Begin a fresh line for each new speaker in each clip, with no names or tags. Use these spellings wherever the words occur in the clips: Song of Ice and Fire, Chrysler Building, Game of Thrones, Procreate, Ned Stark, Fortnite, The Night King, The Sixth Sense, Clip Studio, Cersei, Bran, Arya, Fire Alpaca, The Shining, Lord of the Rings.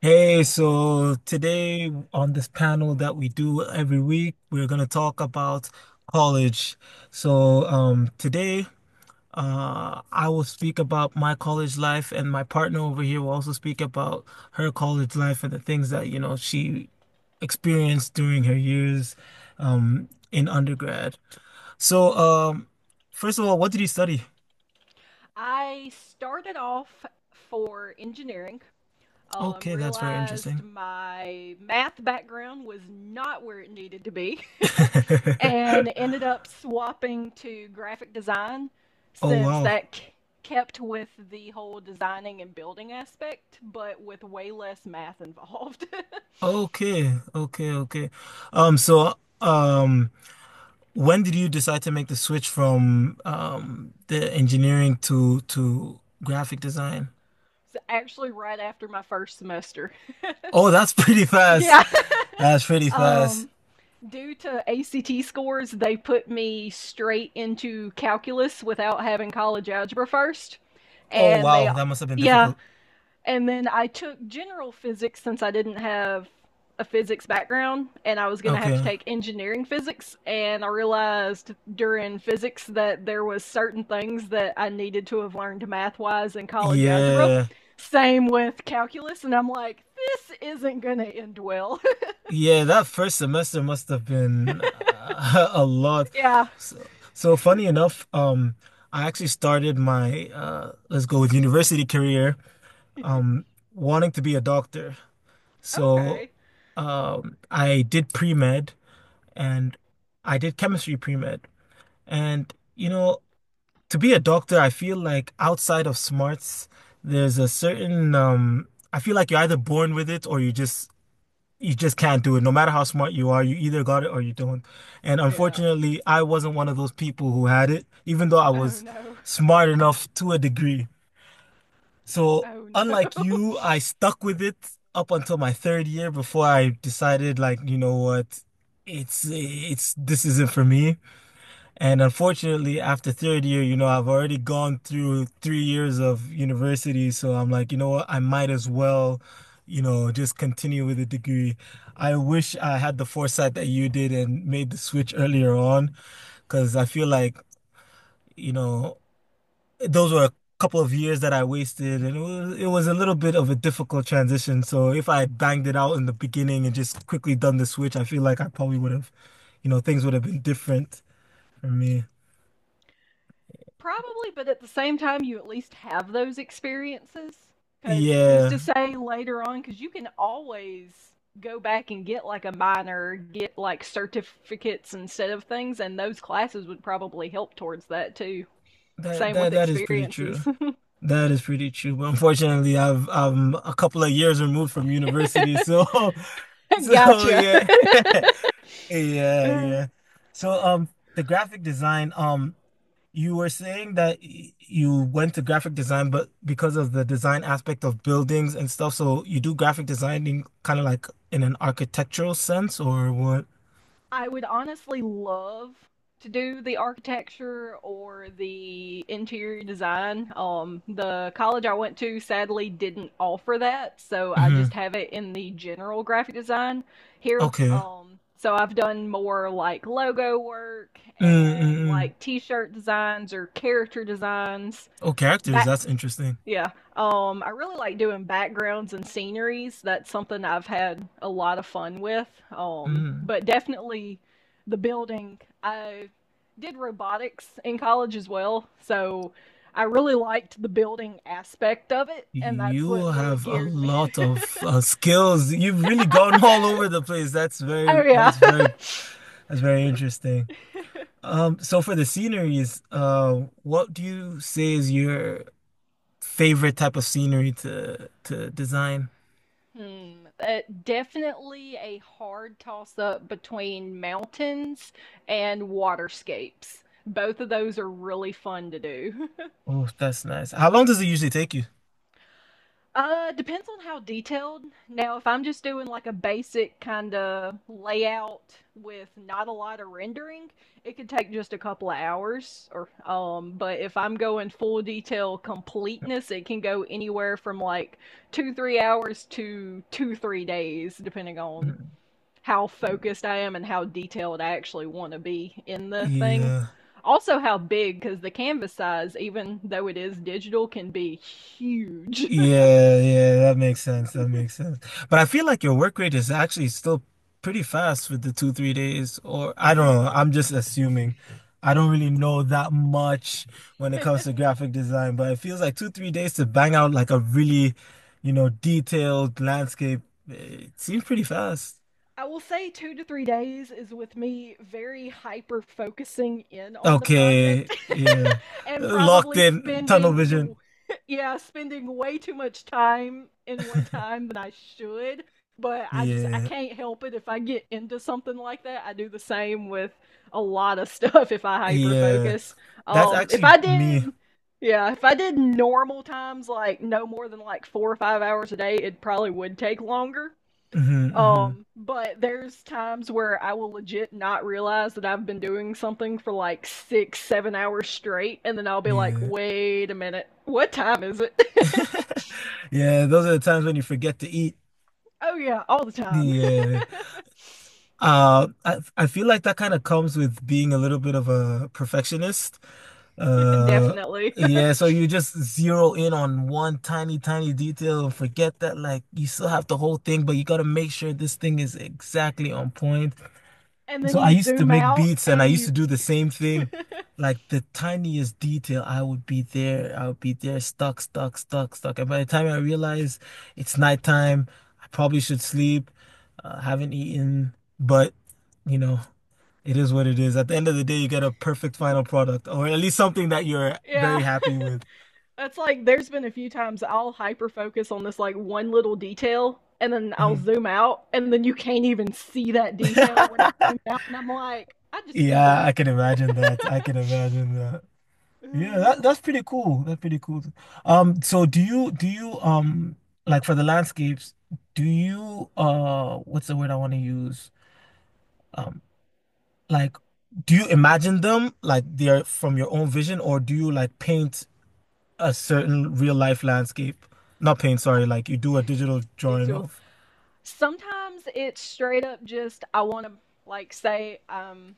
Hey, so today on this panel that we do every week, we're going to talk about college. So, today, I will speak about my college life, and my partner over here will also speak about her college life and the things that she experienced during her years, in undergrad. So, first of all, what did you study?
I started off for engineering.
Okay, that's very
Realized
interesting.
my math background was not where it needed to be, and ended up swapping to graphic design
Oh,
since
wow.
that kept with the whole designing and building aspect, but with way less math involved.
Okay, okay, okay. So um, when did you decide to make the switch from the engineering to graphic design?
So actually, right after my first semester.
Oh, that's pretty fast.
yeah.
That's pretty fast.
Um, Due to ACT scores, they put me straight into calculus without having college algebra first.
Oh,
And
wow,
they,
that must have been
yeah.
difficult.
And then I took general physics since I didn't have a physics background and I was going to have to
Okay.
take engineering physics. And I realized during physics that there was certain things that I needed to have learned math wise in college algebra.
Yeah.
Same with calculus. And I'm like, this isn't going to end well.
Yeah, that first semester must have been a lot.
yeah.
So, funny enough, I actually started my let's go with university career, um, wanting to be a doctor. So
Okay.
I did pre-med and I did chemistry pre-med. And to be a doctor, I feel like outside of smarts, there's a certain I feel like you're either born with it or you just can't do it. No matter how smart you are, you either got it or you don't. And
Yeah.
unfortunately, I wasn't one of those people who had it, even though I
Oh
was
no.
smart enough to a degree. So
Oh no.
unlike you, I stuck with it up until my third year before I decided like, you know what, it's this isn't for me. And unfortunately, after third year I've already gone through 3 years of university, so I'm like, you know what, I might as well just continue with the degree. I wish I had the foresight that you did and made the switch earlier on, because I feel like, you know those were a couple of years that I wasted, and it was a little bit of a difficult transition. So if I had banged it out in the beginning and just quickly done the switch, I feel like I probably would have things would have been different for me.
Probably, but at the same time, you at least have those experiences. Because who's to
Yeah,
say later on? Because you can always go back and get like a minor, get like certificates instead of things, and those classes would probably help towards that too.
that
Same
that
with
that is pretty true.
experiences.
That is pretty true. But unfortunately, I'm a couple of years removed from university, so so
gotcha.
yeah. Yeah,
Uh,
yeah. So the graphic design, you were saying that you went to graphic design, but because of the design aspect of buildings and stuff, so you do graphic designing kind of like in an architectural sense or what?
I would honestly love to do the architecture or the interior design. The college I went to sadly didn't offer that, so I just
Hmm.
have it in the general graphic design here.
Okay.
So I've done more like logo work and
Mm-mm-mm.
like t-shirt designs or character designs,
Oh, characters,
back
that's interesting.
yeah. I really like doing backgrounds and sceneries. That's something I've had a lot of fun with.
Mm.
But definitely the building. I did robotics in college as well. So I really liked the building aspect of it. And that's
You
what really
have a
geared me.
lot of skills. You've really gone all over the place. That's
Oh,
very,
yeah.
that's very, that's very interesting. So for the sceneries, what do you say is your favorite type of scenery to design?
Hmm. Definitely a hard toss up between mountains and waterscapes. Both of those are really fun to do.
Oh, that's nice. How long does it usually take you?
Depends on how detailed. Now, if I'm just doing like a basic kind of layout with not a lot of rendering, it could take just a couple of hours. Or but if I'm going full detail completeness, it can go anywhere from like 2-3 hours to 2-3 days, depending on
Mhm.
how focused I am and how detailed I actually want to be in the thing.
Yeah.
Also, how big, because the canvas size, even though it is digital, can be huge.
Yeah, yeah, that makes sense. That makes sense. But I feel like your work rate is actually still pretty fast with the two, 3 days, or I don't
Mm-hmm.
know. I'm just assuming. I don't really know that much when it comes to graphic design, but it feels like two, 3 days to bang out like a really detailed landscape. It seems pretty fast.
I will say 2 to 3 days is with me very hyper focusing in on the
Okay,
project,
yeah.
and
Locked
probably
in, tunnel
spending
vision.
you yeah, spending way too much time in one time than I should. But I
Yeah,
can't help it if I get into something like that. I do the same with a lot of stuff if I hyper
yeah.
focus.
That's
If
actually
I
me.
did yeah, if I did normal times like no more than like 4 or 5 hours a day, it probably would take longer.
Hmm. Hmm.
But there's times where I will legit not realize that I've been doing something for like 6, 7 hours straight, and then I'll be like,
Yeah.
wait a minute, what time is it?
Yeah, those are the times when you forget to eat.
Oh, yeah, all the time.
Yeah. I feel like that kind of comes with being a little bit of a perfectionist. Uh,
Definitely.
yeah, so you just zero in on one tiny, tiny detail and forget that like you still have the whole thing, but you gotta make sure this thing is exactly on point.
And then
So I
you
used to
zoom
make
out
beats and I
and
used to
you,
do the same thing. Like the tiniest detail, I would be there, I would be there, stuck, stuck, stuck, stuck. And by the time I realize it's nighttime, I probably should sleep, haven't eaten, but you know, it is what it is. At the end of the day, you get a perfect final product, or at least something that you're
yeah,
very happy with.
it's like there's been a few times I'll hyper focus on this like one little detail and then I'll
Mhm.
zoom out and then you can't even see that detail when it's zoomed out and I'm like, I just did
Yeah,
that.
I can imagine that. I can imagine that. Yeah,
Uh,
that's pretty cool. That's pretty cool. So do you like for the landscapes, do you what's the word I want to use? Um, like do you imagine them like they're from your own vision or do you like paint a certain real life landscape? Not paint, sorry, like you do a digital drawing
Visual.
of.
Sometimes it's straight up just I want to, like, say,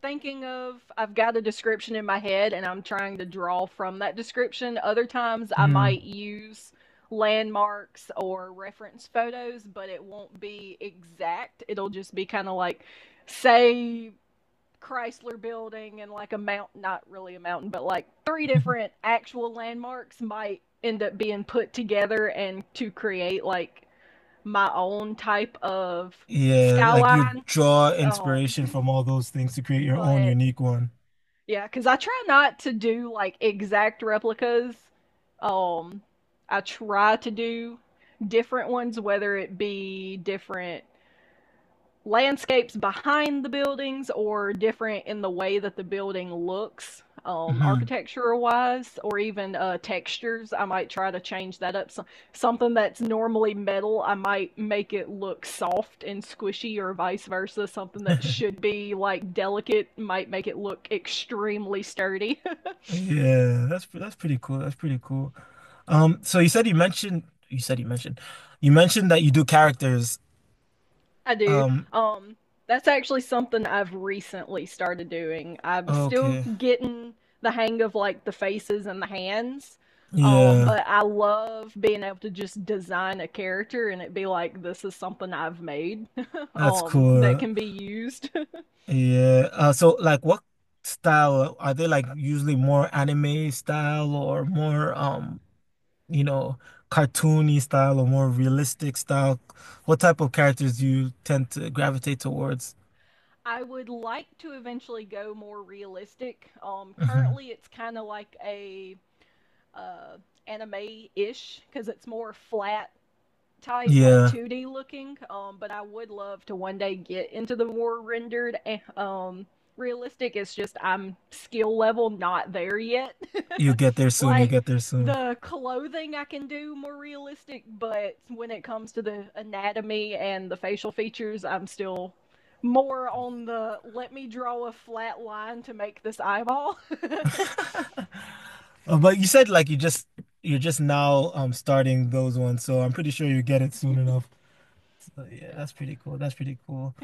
thinking of, I've got a description in my head, and I'm trying to draw from that description. Other times I
Mm.
might use landmarks or reference photos, but it won't be exact. It'll just be kind of like, say, Chrysler building and like a mountain, not really a mountain, but like three different actual landmarks might end up being put together and to create like my own type of
Yeah, like you
skyline.
draw
um
inspiration from all those things to create your own
but
unique one.
yeah, because I try not to do like exact replicas. Um, I try to do different ones, whether it be different landscapes behind the buildings or different in the way that the building looks,
Hmm.
architecture wise, or even textures I might try to change that up. So something that's normally metal I might make it look soft and squishy, or vice versa, something that should be like delicate might make it look extremely sturdy.
Yeah, that's pretty cool. That's pretty cool. So you said you mentioned you said you mentioned that you do characters.
I do.
Um,
Um, that's actually something I've recently started doing. I'm still
okay.
getting the hang of like the faces and the hands.
Yeah,
But I love being able to just design a character and it be like this is something I've made,
that's
that
cool.
can be used.
Yeah. So like what style are they like usually more anime style or more you know, cartoony style or more realistic style? What type of characters do you tend to gravitate towards?
I would like to eventually go more realistic.
Hmm.
Currently it's kind of like a uh anime-ish because it's more flat type, like
Yeah,
2D looking. But I would love to one day get into the more rendered. Realistic. It's just I'm skill level not there yet.
you'll get there soon. You'll
like
get there soon.
the clothing I can do more realistic, but when it comes to the anatomy and the facial features, I'm still more on the let me draw a flat line to make this eyeball.
But you said like you're just now starting those ones, so I'm pretty sure you get it soon enough. So yeah,
yeah.
that's pretty cool. That's pretty cool.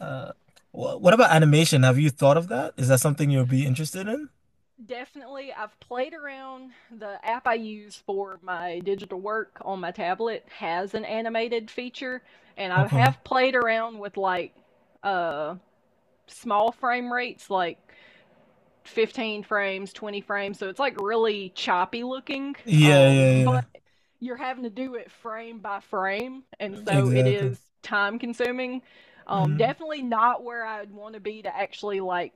Uh, wh what about animation? Have you thought of that? Is that something you'll be interested in?
Definitely. I've played around. The app I use for my digital work on my tablet has an animated feature, and I
Okay.
have played around with like uh small frame rates, like 15 frames, 20 frames. So it's like really choppy looking.
Yeah, yeah, yeah.
But you're having to do it frame by frame, and so it
Exactly.
is time consuming.
Mm-hmm.
Definitely not where I'd want to be to actually like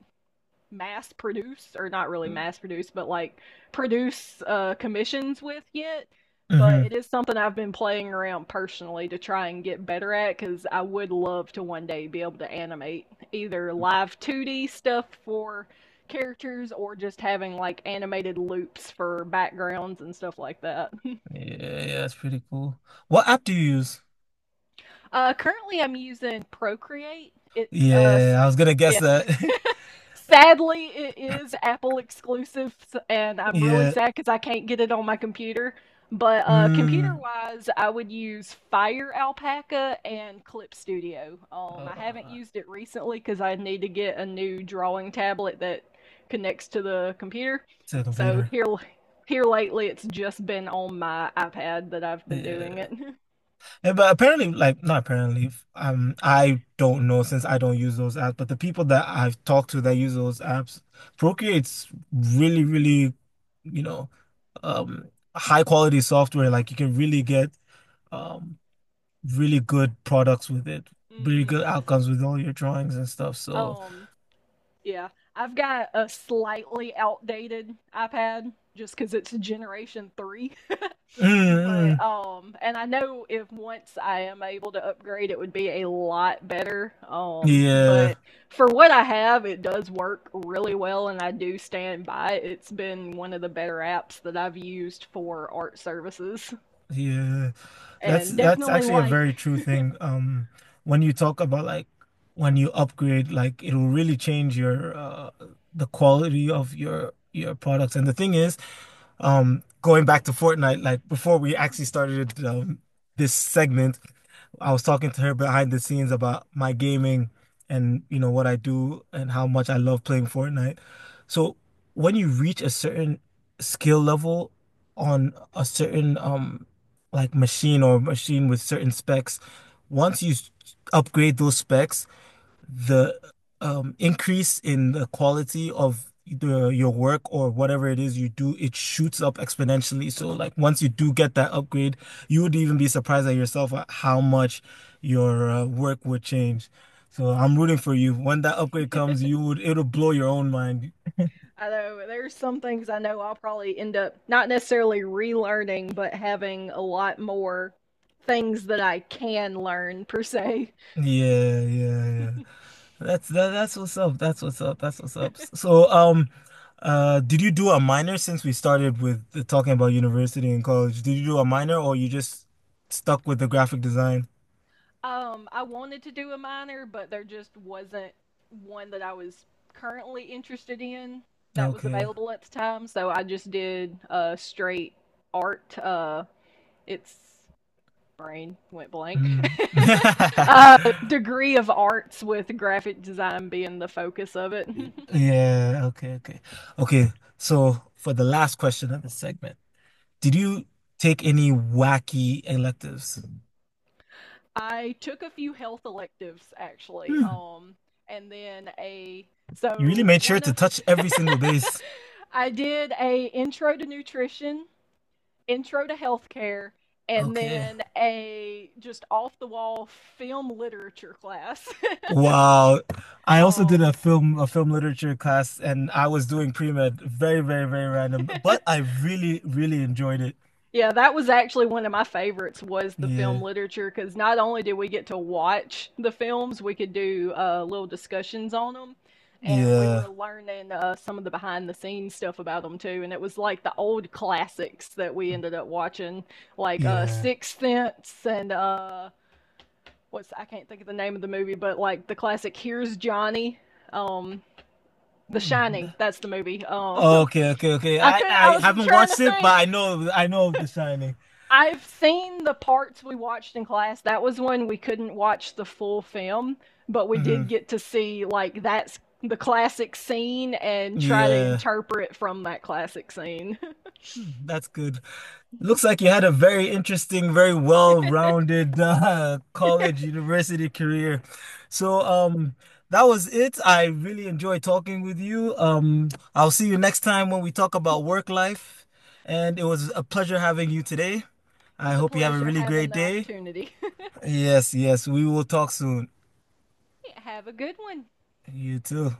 mass produce, or not really mass produce but like produce commissions with yet. But
Hmm.
it is something I've been playing around personally to try and get better at, because I would love to one day be able to animate either live 2D stuff for characters or just having like animated loops for backgrounds and stuff like that.
Yeah, yeah, that's pretty cool. What app do you use?
Currently I'm using Procreate.
Yeah, I was gonna guess that.
Sadly, it is Apple exclusive, and I'm really
Yeah.
sad because I can't get it on my computer. But computer
Mm.
wise, I would use Fire Alpaca and Clip Studio.
Oh,
I haven't used it recently because I need to get a new drawing tablet that connects to the computer.
To the
So
computer.
here lately, it's just been on my iPad that I've been doing it.
Yeah, but apparently, like, not apparently, I don't know since I don't use those apps, but the people that I've talked to that use those apps, Procreate's really, really, you know, um, high quality software. Like, you can really get, um, really good products with it, really
Hmm.
good outcomes with all your drawings and stuff. So,
Um, Yeah, I've got a slightly outdated iPad just because it's generation 3.
mm, mm,
but and I know if once I am able to upgrade, it would be a lot better.
yeah.
But for what I have, it does work really well, and I do stand by it. It's been one of the better apps that I've used for art services,
Yeah, that's
and
that's
definitely
actually a
like
very true thing. When you talk about like when you upgrade, like it'll really change your the quality of your products. And the thing is, going back to Fortnite, like before we actually started this segment, I was talking to her behind the scenes about my gaming and you know what I do and how much I love playing Fortnite. So when you reach a certain skill level on a certain like machine or machine with certain specs, once you upgrade those specs, the increase in the quality of your work or whatever it is you do, it shoots up exponentially. So like once you do get that upgrade, you would even be surprised at yourself at how much your work would change. So I'm rooting for you. When that upgrade comes, you would it'll blow your own mind.
although there's some things I know I'll probably end up not necessarily relearning, but having a lot more things that I can learn per se.
Yeah, yeah, yeah. That's what's up. That's what's up. That's what's up. So, did you do a minor since we started with talking about university and college? Did you do a minor or you just stuck with the graphic design?
I wanted to do a minor, but there just wasn't one that I was currently interested in that was
Okay.
available at the time, so I just did a straight art. It's brain went blank.
Mm.
uh, degree of arts with graphic design being the focus of it.
Yeah, okay, okay. Okay, so for the last question of the segment, did you take any wacky electives?
I took a few health electives actually,
Hmm.
and then a
You really
so
made sure
one
to
of
touch every single base.
I did a intro to nutrition, intro to healthcare, and
Okay.
then a, just off the wall, film literature class.
Wow. I also did
um,
a film literature class and I was doing pre-med. Very, very, very random. But I really, really enjoyed it.
Yeah, that was actually one of my favorites was the
Yeah.
film literature because not only did we get to watch the films, we could do little discussions on them, and we
Yeah.
were learning some of the behind the scenes stuff about them too. And it was like the old classics that we ended up watching, like
Yeah.
Sixth Sense and what's I can't think of the name of the movie, but like the classic Here's Johnny, um, The
Mm.
Shining. That's the movie.
Okay, okay, okay.
I
I
could not I
I
was
haven't
trying to
watched it,
think.
but I know of The Shining.
I've seen the parts we watched in class. That was when we couldn't watch the full film, but we did
Hmm.
get to see like that's the classic scene and try to
Yeah.
interpret from that classic scene.
Hmm, that's good. Looks like you had a very interesting, very
It
well-rounded college, university career. So, that was it. I really enjoyed talking with you. I'll see you next time when we talk about work life. And it was a pleasure having you today. I
was a
hope you have a
pleasure
really
having
great
the
day.
opportunity.
Yes, yes, we will talk soon.
Have a good one.
You too.